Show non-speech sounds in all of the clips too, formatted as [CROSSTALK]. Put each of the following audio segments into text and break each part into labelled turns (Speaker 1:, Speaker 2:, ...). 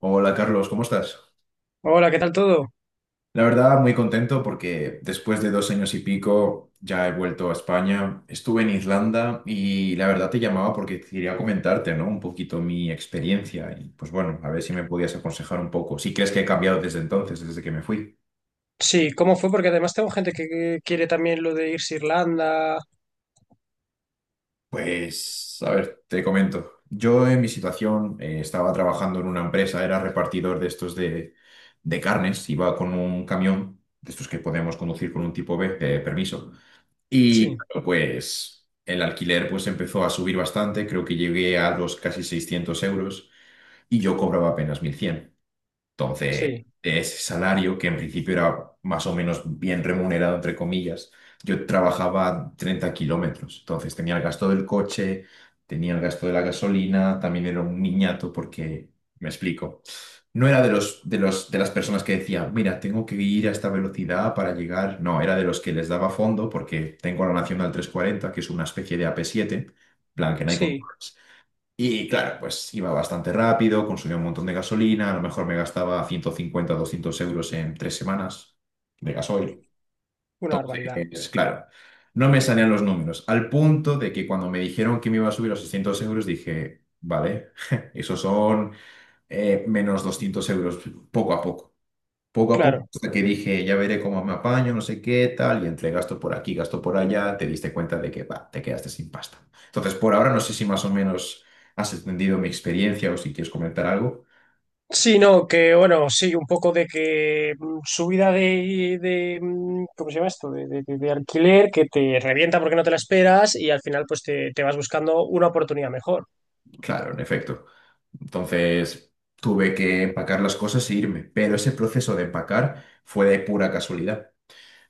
Speaker 1: Hola Carlos, ¿cómo estás?
Speaker 2: Hola, ¿qué tal todo?
Speaker 1: La verdad, muy contento porque después de 2 años y pico ya he vuelto a España. Estuve en Irlanda y la verdad te llamaba porque quería comentarte, ¿no? Un poquito mi experiencia y pues bueno, a ver si me podías aconsejar un poco, si crees que he cambiado desde entonces, desde que me fui.
Speaker 2: Sí, ¿cómo fue? Porque además tengo gente que quiere también lo de irse a Irlanda.
Speaker 1: Pues, a ver, te comento. Yo en mi situación estaba trabajando en una empresa, era repartidor de estos de carnes, iba con un camión, de estos que podemos conducir con un tipo B de permiso. Y
Speaker 2: Sí,
Speaker 1: claro, pues el alquiler pues empezó a subir bastante, creo que llegué a los casi 600 euros y yo cobraba apenas 1100. Entonces,
Speaker 2: sí,
Speaker 1: de ese salario, que en principio era más o menos bien remunerado, entre comillas, yo trabajaba 30 kilómetros. Entonces, tenía el gasto del coche, tenía el gasto de la gasolina, también era un niñato porque, me explico, no era de las personas que decía, mira, tengo que ir a esta velocidad para llegar. No, era de los que les daba fondo porque tengo la Nacional 340, que es una especie de AP7, plan que no hay control.
Speaker 2: sí,
Speaker 1: Y claro, pues iba bastante rápido, consumía un montón de gasolina, a lo mejor me gastaba 150-200 euros en 3 semanas de gasoil.
Speaker 2: una barbaridad.
Speaker 1: Entonces, claro, no me salían los números, al punto de que cuando me dijeron que me iba a subir a 600 euros, dije, vale, [LAUGHS] esos son menos 200 euros poco a poco. Poco a poco,
Speaker 2: Claro.
Speaker 1: hasta que dije, ya veré cómo me apaño, no sé qué, tal, y entre gasto por aquí, gasto por allá, te diste cuenta de que, va, te quedaste sin pasta. Entonces, por ahora no sé si más o menos has entendido mi experiencia o si quieres comentar algo.
Speaker 2: Sí, no, que bueno, sí, un poco de que subida de, ¿cómo se llama esto? De alquiler que te revienta porque no te la esperas y al final pues te vas buscando una oportunidad mejor.
Speaker 1: Claro, en efecto. Entonces, tuve que empacar las cosas e irme, pero ese proceso de empacar fue de pura casualidad.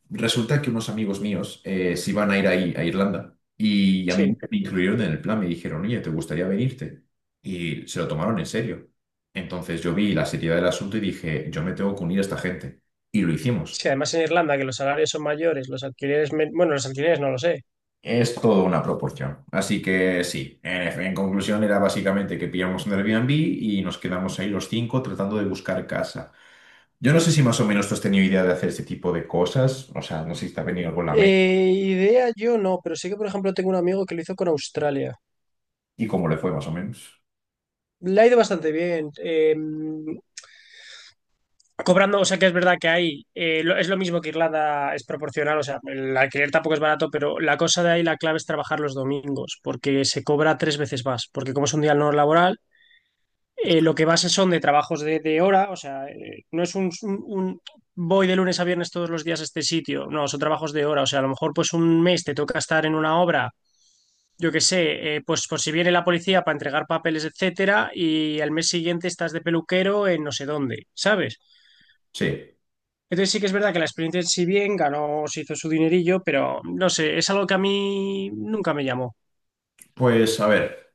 Speaker 1: Resulta que unos amigos míos se iban a ir ahí, a Irlanda y a mí
Speaker 2: Sí,
Speaker 1: me incluyeron en el plan, me dijeron, oye, ¿te gustaría venirte? Y se lo tomaron en serio. Entonces yo vi la seriedad del asunto y dije, yo me tengo que unir a esta gente. Y lo hicimos.
Speaker 2: sí, además en Irlanda que los salarios son mayores, los alquileres, bueno, los alquileres no lo sé.
Speaker 1: Es toda una proporción. Así que sí, en conclusión era básicamente que pillamos un Airbnb y nos quedamos ahí los cinco tratando de buscar casa. Yo no sé si más o menos tú has tenido idea de hacer este tipo de cosas, o sea, no sé si te ha venido algo en la mente
Speaker 2: Idea yo no, pero sí que por ejemplo tengo un amigo que lo hizo con Australia.
Speaker 1: y cómo le fue más o menos.
Speaker 2: Le ha ido bastante bien, cobrando, o sea que es verdad que hay, es lo mismo que Irlanda, es proporcional, o sea, el alquiler tampoco es barato, pero la cosa de ahí, la clave es trabajar los domingos, porque se cobra tres veces más, porque como es un día no laboral, lo que vas es son de trabajos de hora, o sea, no es un voy de lunes a viernes todos los días a este sitio, no, son trabajos de hora, o sea, a lo mejor pues un mes te toca estar en una obra, yo qué sé, pues por si viene la policía para entregar papeles, etcétera, y al mes siguiente estás de peluquero en no sé dónde, ¿sabes?
Speaker 1: Sí.
Speaker 2: Entonces sí que es verdad que la experiencia si bien ganó, se hizo su dinerillo, pero no sé, es algo que a mí nunca me llamó.
Speaker 1: Pues a ver,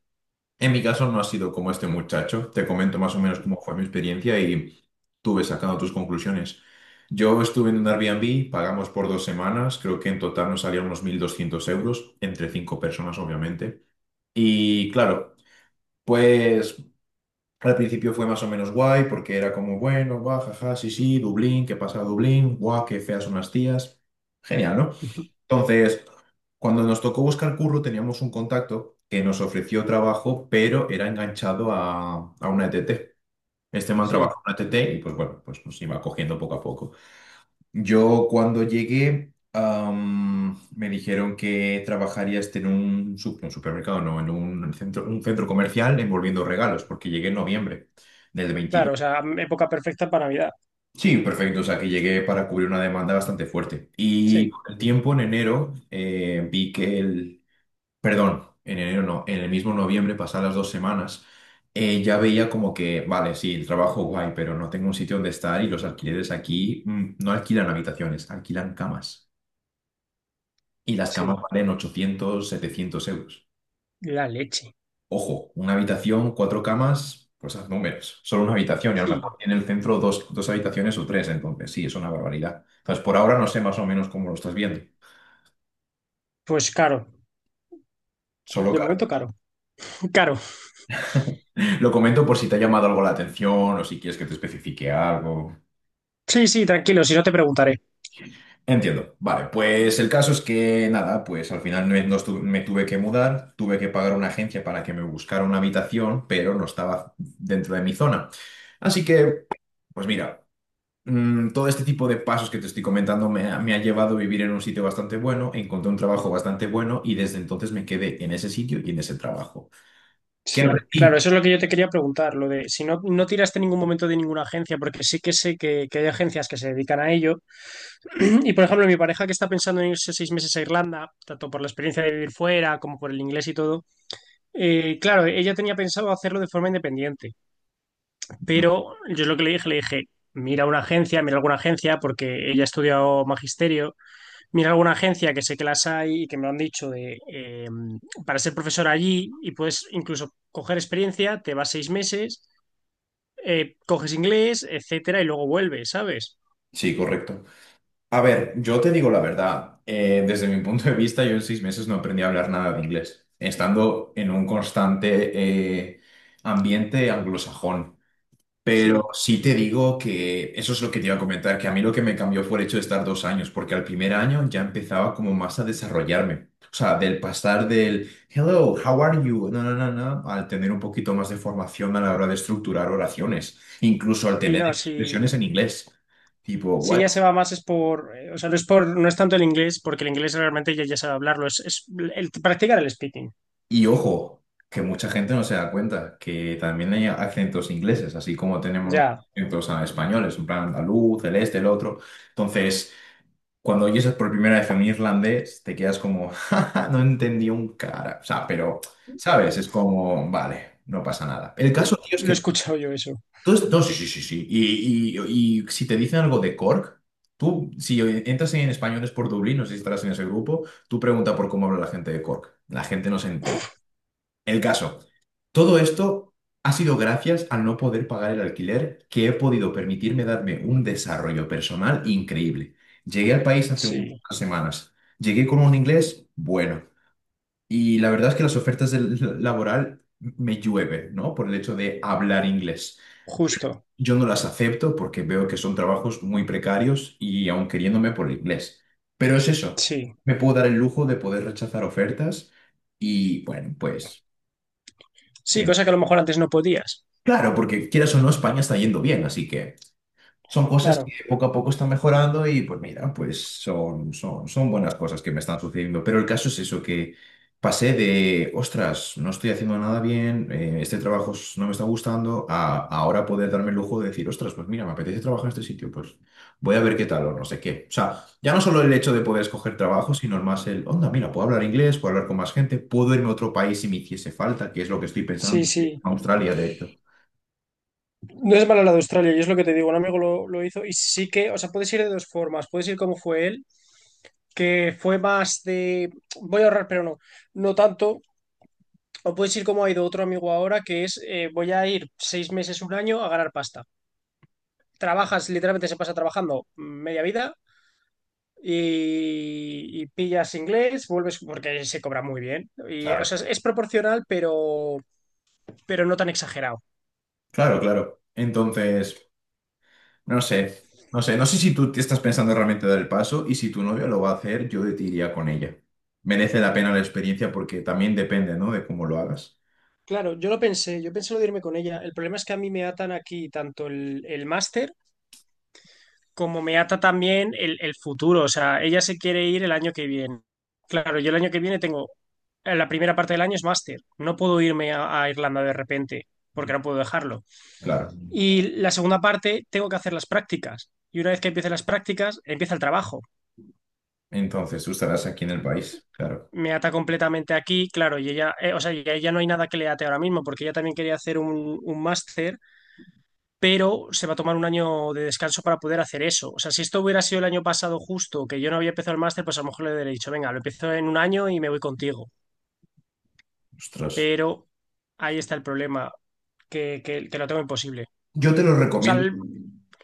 Speaker 1: en mi caso no ha sido como este muchacho. Te comento más o menos cómo fue mi experiencia y tú ves sacando tus conclusiones. Yo estuve en un Airbnb, pagamos por 2 semanas, creo que en total nos salieron unos 1200 euros, entre cinco personas obviamente. Y claro, pues al principio fue más o menos guay porque era como, bueno, guau, jaja, sí, sí, Dublín, ¿qué pasa Dublín? Guau, qué feas son las tías. Genial, ¿no?
Speaker 2: [LAUGHS]
Speaker 1: Entonces, cuando nos tocó buscar curro, teníamos un contacto que nos ofreció trabajo, pero era enganchado a una E T T. Este man
Speaker 2: Sí,
Speaker 1: trabajó en una E T T y pues bueno, pues nos iba cogiendo poco a poco. Yo cuando llegué, me dijeron que trabajaría este en un, un supermercado, no, en un centro comercial envolviendo regalos, porque llegué en noviembre del
Speaker 2: claro,
Speaker 1: 22.
Speaker 2: o sea, época perfecta para Navidad.
Speaker 1: Sí, perfecto. O sea, que llegué para cubrir una demanda bastante fuerte. Y
Speaker 2: Sí,
Speaker 1: con el tiempo, en enero, vi que perdón, en enero no, en el mismo noviembre, pasadas las 2 semanas, ya veía como que, vale, sí, el trabajo guay, pero no tengo un sitio donde estar y los alquileres aquí no alquilan habitaciones, alquilan camas. Y las camas
Speaker 2: sí,
Speaker 1: valen 800, 700 euros.
Speaker 2: la leche.
Speaker 1: Ojo, una habitación, cuatro camas, pues haz números. Solo una habitación y a lo
Speaker 2: Sí,
Speaker 1: mejor tiene el centro dos habitaciones o tres, entonces sí, es una barbaridad. Entonces, por ahora no sé más o menos cómo lo estás viendo.
Speaker 2: pues caro,
Speaker 1: Solo
Speaker 2: de
Speaker 1: que
Speaker 2: momento caro. [LAUGHS] Caro.
Speaker 1: [LAUGHS] lo comento por si te ha llamado algo la atención o si quieres que te especifique algo.
Speaker 2: Sí, sí, tranquilo, si no te preguntaré.
Speaker 1: Entiendo. Vale, pues el caso es que nada, pues al final me tuve que mudar, tuve que pagar una agencia para que me buscara una habitación, pero no estaba dentro de mi zona. Así que, pues mira, todo este tipo de pasos que te estoy comentando me ha llevado a vivir en un sitio bastante bueno, encontré un trabajo bastante bueno y desde entonces me quedé en ese sitio y en ese trabajo. ¿Qué
Speaker 2: Sí, claro,
Speaker 1: aprendí?
Speaker 2: eso es lo que yo te quería preguntar, lo de si no, no tiraste en ningún momento de ninguna agencia, porque sí que sé que hay agencias que se dedican a ello. [CLEARS THROAT] Y por ejemplo, mi pareja que está pensando en irse 6 meses a Irlanda, tanto por la experiencia de vivir fuera como por el inglés y todo, claro, ella tenía pensado hacerlo de forma independiente,
Speaker 1: Mm,
Speaker 2: pero yo es lo que le dije, mira una agencia, mira alguna agencia, porque ella ha estudiado magisterio, mira alguna agencia que sé que las hay y que me lo han dicho para ser profesor allí y puedes incluso coger experiencia, te vas 6 meses, coges inglés, etcétera, y luego vuelves, ¿sabes?
Speaker 1: Sí, correcto. A ver, yo te digo la verdad. Desde mi punto de vista, yo en 6 meses no aprendí a hablar nada de inglés, estando en un constante eh, ambiente anglosajón. Pero
Speaker 2: Sí,
Speaker 1: sí te digo que eso es lo que te iba a comentar, que a mí lo que me cambió fue el hecho de estar 2 años, porque al primer año ya empezaba como más a desarrollarme. O sea, del pasar del hello, how are you, no, no, no, no, al tener un poquito más de formación a la hora de estructurar oraciones, incluso al
Speaker 2: sí,
Speaker 1: tener
Speaker 2: no, sí.
Speaker 1: expresiones en inglés. Tipo,
Speaker 2: Si ya se va más es por, o sea, no es por, no es tanto el inglés, porque el inglés realmente ya sabe hablarlo, es el practicar el speaking.
Speaker 1: y ojo, que mucha gente no se da cuenta que también hay acentos ingleses, así como tenemos
Speaker 2: Ya,
Speaker 1: acentos españoles, en plan andaluz, el este, el otro. Entonces, cuando oyes por primera vez un irlandés, te quedas como, [LAUGHS] "Ja, ja, no entendí un cara". O sea, pero, ¿sabes? Es como, vale, no pasa nada. El
Speaker 2: L-
Speaker 1: caso, tío, es
Speaker 2: lo he
Speaker 1: que
Speaker 2: escuchado yo eso.
Speaker 1: tú, no, sí, sí, sí, sí. Y si te dicen algo de Cork, tú, si entras en Españoles por Dublín, no sé si estarás en ese grupo, tú pregunta por cómo habla la gente de Cork. La gente no se entera. El caso, todo esto ha sido gracias al no poder pagar el alquiler que he podido permitirme darme un desarrollo personal increíble. Llegué al país hace
Speaker 2: Sí,
Speaker 1: unas semanas. Llegué con un inglés bueno. Y la verdad es que las ofertas del [LAUGHS] laboral me llueve, ¿no? Por el hecho de hablar inglés.
Speaker 2: justo.
Speaker 1: Yo no las acepto porque veo que son trabajos muy precarios y aun queriéndome por el inglés. Pero es eso.
Speaker 2: Sí.
Speaker 1: Me puedo dar el lujo de poder rechazar ofertas y, bueno, pues...
Speaker 2: Sí,
Speaker 1: sí,
Speaker 2: cosa que a lo mejor antes no podías.
Speaker 1: claro, porque quieras o no, España está yendo bien, así que son cosas que
Speaker 2: Claro.
Speaker 1: poco a poco están mejorando y pues mira, pues son buenas cosas que me están sucediendo. Pero el caso es eso, que pasé de, ostras, no estoy haciendo nada bien, este trabajo no me está gustando, a ahora poder darme el lujo de decir, ostras, pues mira, me apetece trabajar en este sitio, pues voy a ver qué tal o no sé qué. O sea, ya no solo el hecho de poder escoger trabajo, sino más el, onda, mira, puedo hablar inglés, puedo hablar con más gente, puedo irme a otro país si me hiciese falta, que es lo que estoy
Speaker 2: Sí,
Speaker 1: pensando, en
Speaker 2: sí.
Speaker 1: Australia, de hecho.
Speaker 2: No es malo la de Australia, y es lo que te digo, un amigo lo hizo y sí que, o sea, puedes ir de dos formas, puedes ir como fue él, que fue más de voy a ahorrar, pero no, no tanto. O puedes ir como ha ido otro amigo ahora, que es voy a ir 6 meses, un año a ganar pasta. Trabajas, literalmente se pasa trabajando media vida y pillas inglés, vuelves porque se cobra muy bien. Y, o
Speaker 1: Claro.
Speaker 2: sea, es proporcional, pero no tan exagerado.
Speaker 1: Claro, claro. Entonces, no sé, no sé, no sé si tú te estás pensando realmente dar el paso y si tu novia lo va a hacer, yo te iría con ella. Merece la pena la experiencia porque también depende, ¿no? De cómo lo hagas.
Speaker 2: Claro, yo lo pensé, yo pensé lo de irme con ella. El problema es que a mí me atan aquí tanto el máster como me ata también el futuro. O sea, ella se quiere ir el año que viene. Claro, yo el año que viene tengo, la primera parte del año es máster. No puedo irme a Irlanda de repente porque no puedo dejarlo.
Speaker 1: Claro.
Speaker 2: Y la segunda parte tengo que hacer las prácticas. Y una vez que empiece las prácticas, empieza el trabajo.
Speaker 1: Entonces, tú estarás aquí en el país. Claro.
Speaker 2: Me ata completamente aquí, claro, y ella, o sea, ya no hay nada que le ate ahora mismo, porque ella también quería hacer un máster pero se va a tomar un año de descanso para poder hacer eso. O sea, si esto hubiera sido el año pasado justo, que yo no había empezado el máster, pues a lo mejor le hubiera dicho, venga, lo empiezo en un año y me voy contigo.
Speaker 1: Ostras.
Speaker 2: Pero ahí está el problema, que lo tengo imposible.
Speaker 1: Yo te lo
Speaker 2: O sea,
Speaker 1: recomiendo.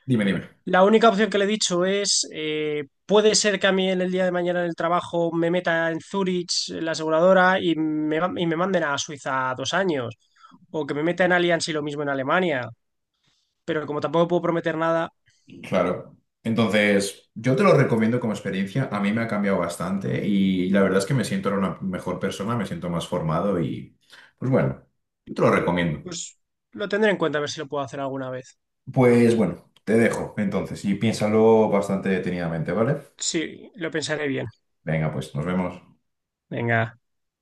Speaker 1: Dime, dime.
Speaker 2: la única opción que le he dicho es, puede ser que a mí en el día de mañana en el trabajo me meta en Zurich, en la aseguradora, y y me manden a Suiza 2 años, o que me meta en Allianz y lo mismo en Alemania, pero como tampoco puedo prometer nada,
Speaker 1: Claro. Entonces, yo te lo recomiendo como experiencia. A mí me ha cambiado bastante y la verdad es que me siento ahora una mejor persona, me siento más formado y, pues bueno, yo te lo recomiendo.
Speaker 2: pues lo tendré en cuenta a ver si lo puedo hacer alguna vez.
Speaker 1: Pues bueno, te dejo entonces y piénsalo bastante detenidamente, ¿vale?
Speaker 2: Sí, lo pensaré bien.
Speaker 1: Venga, pues nos vemos.
Speaker 2: Venga.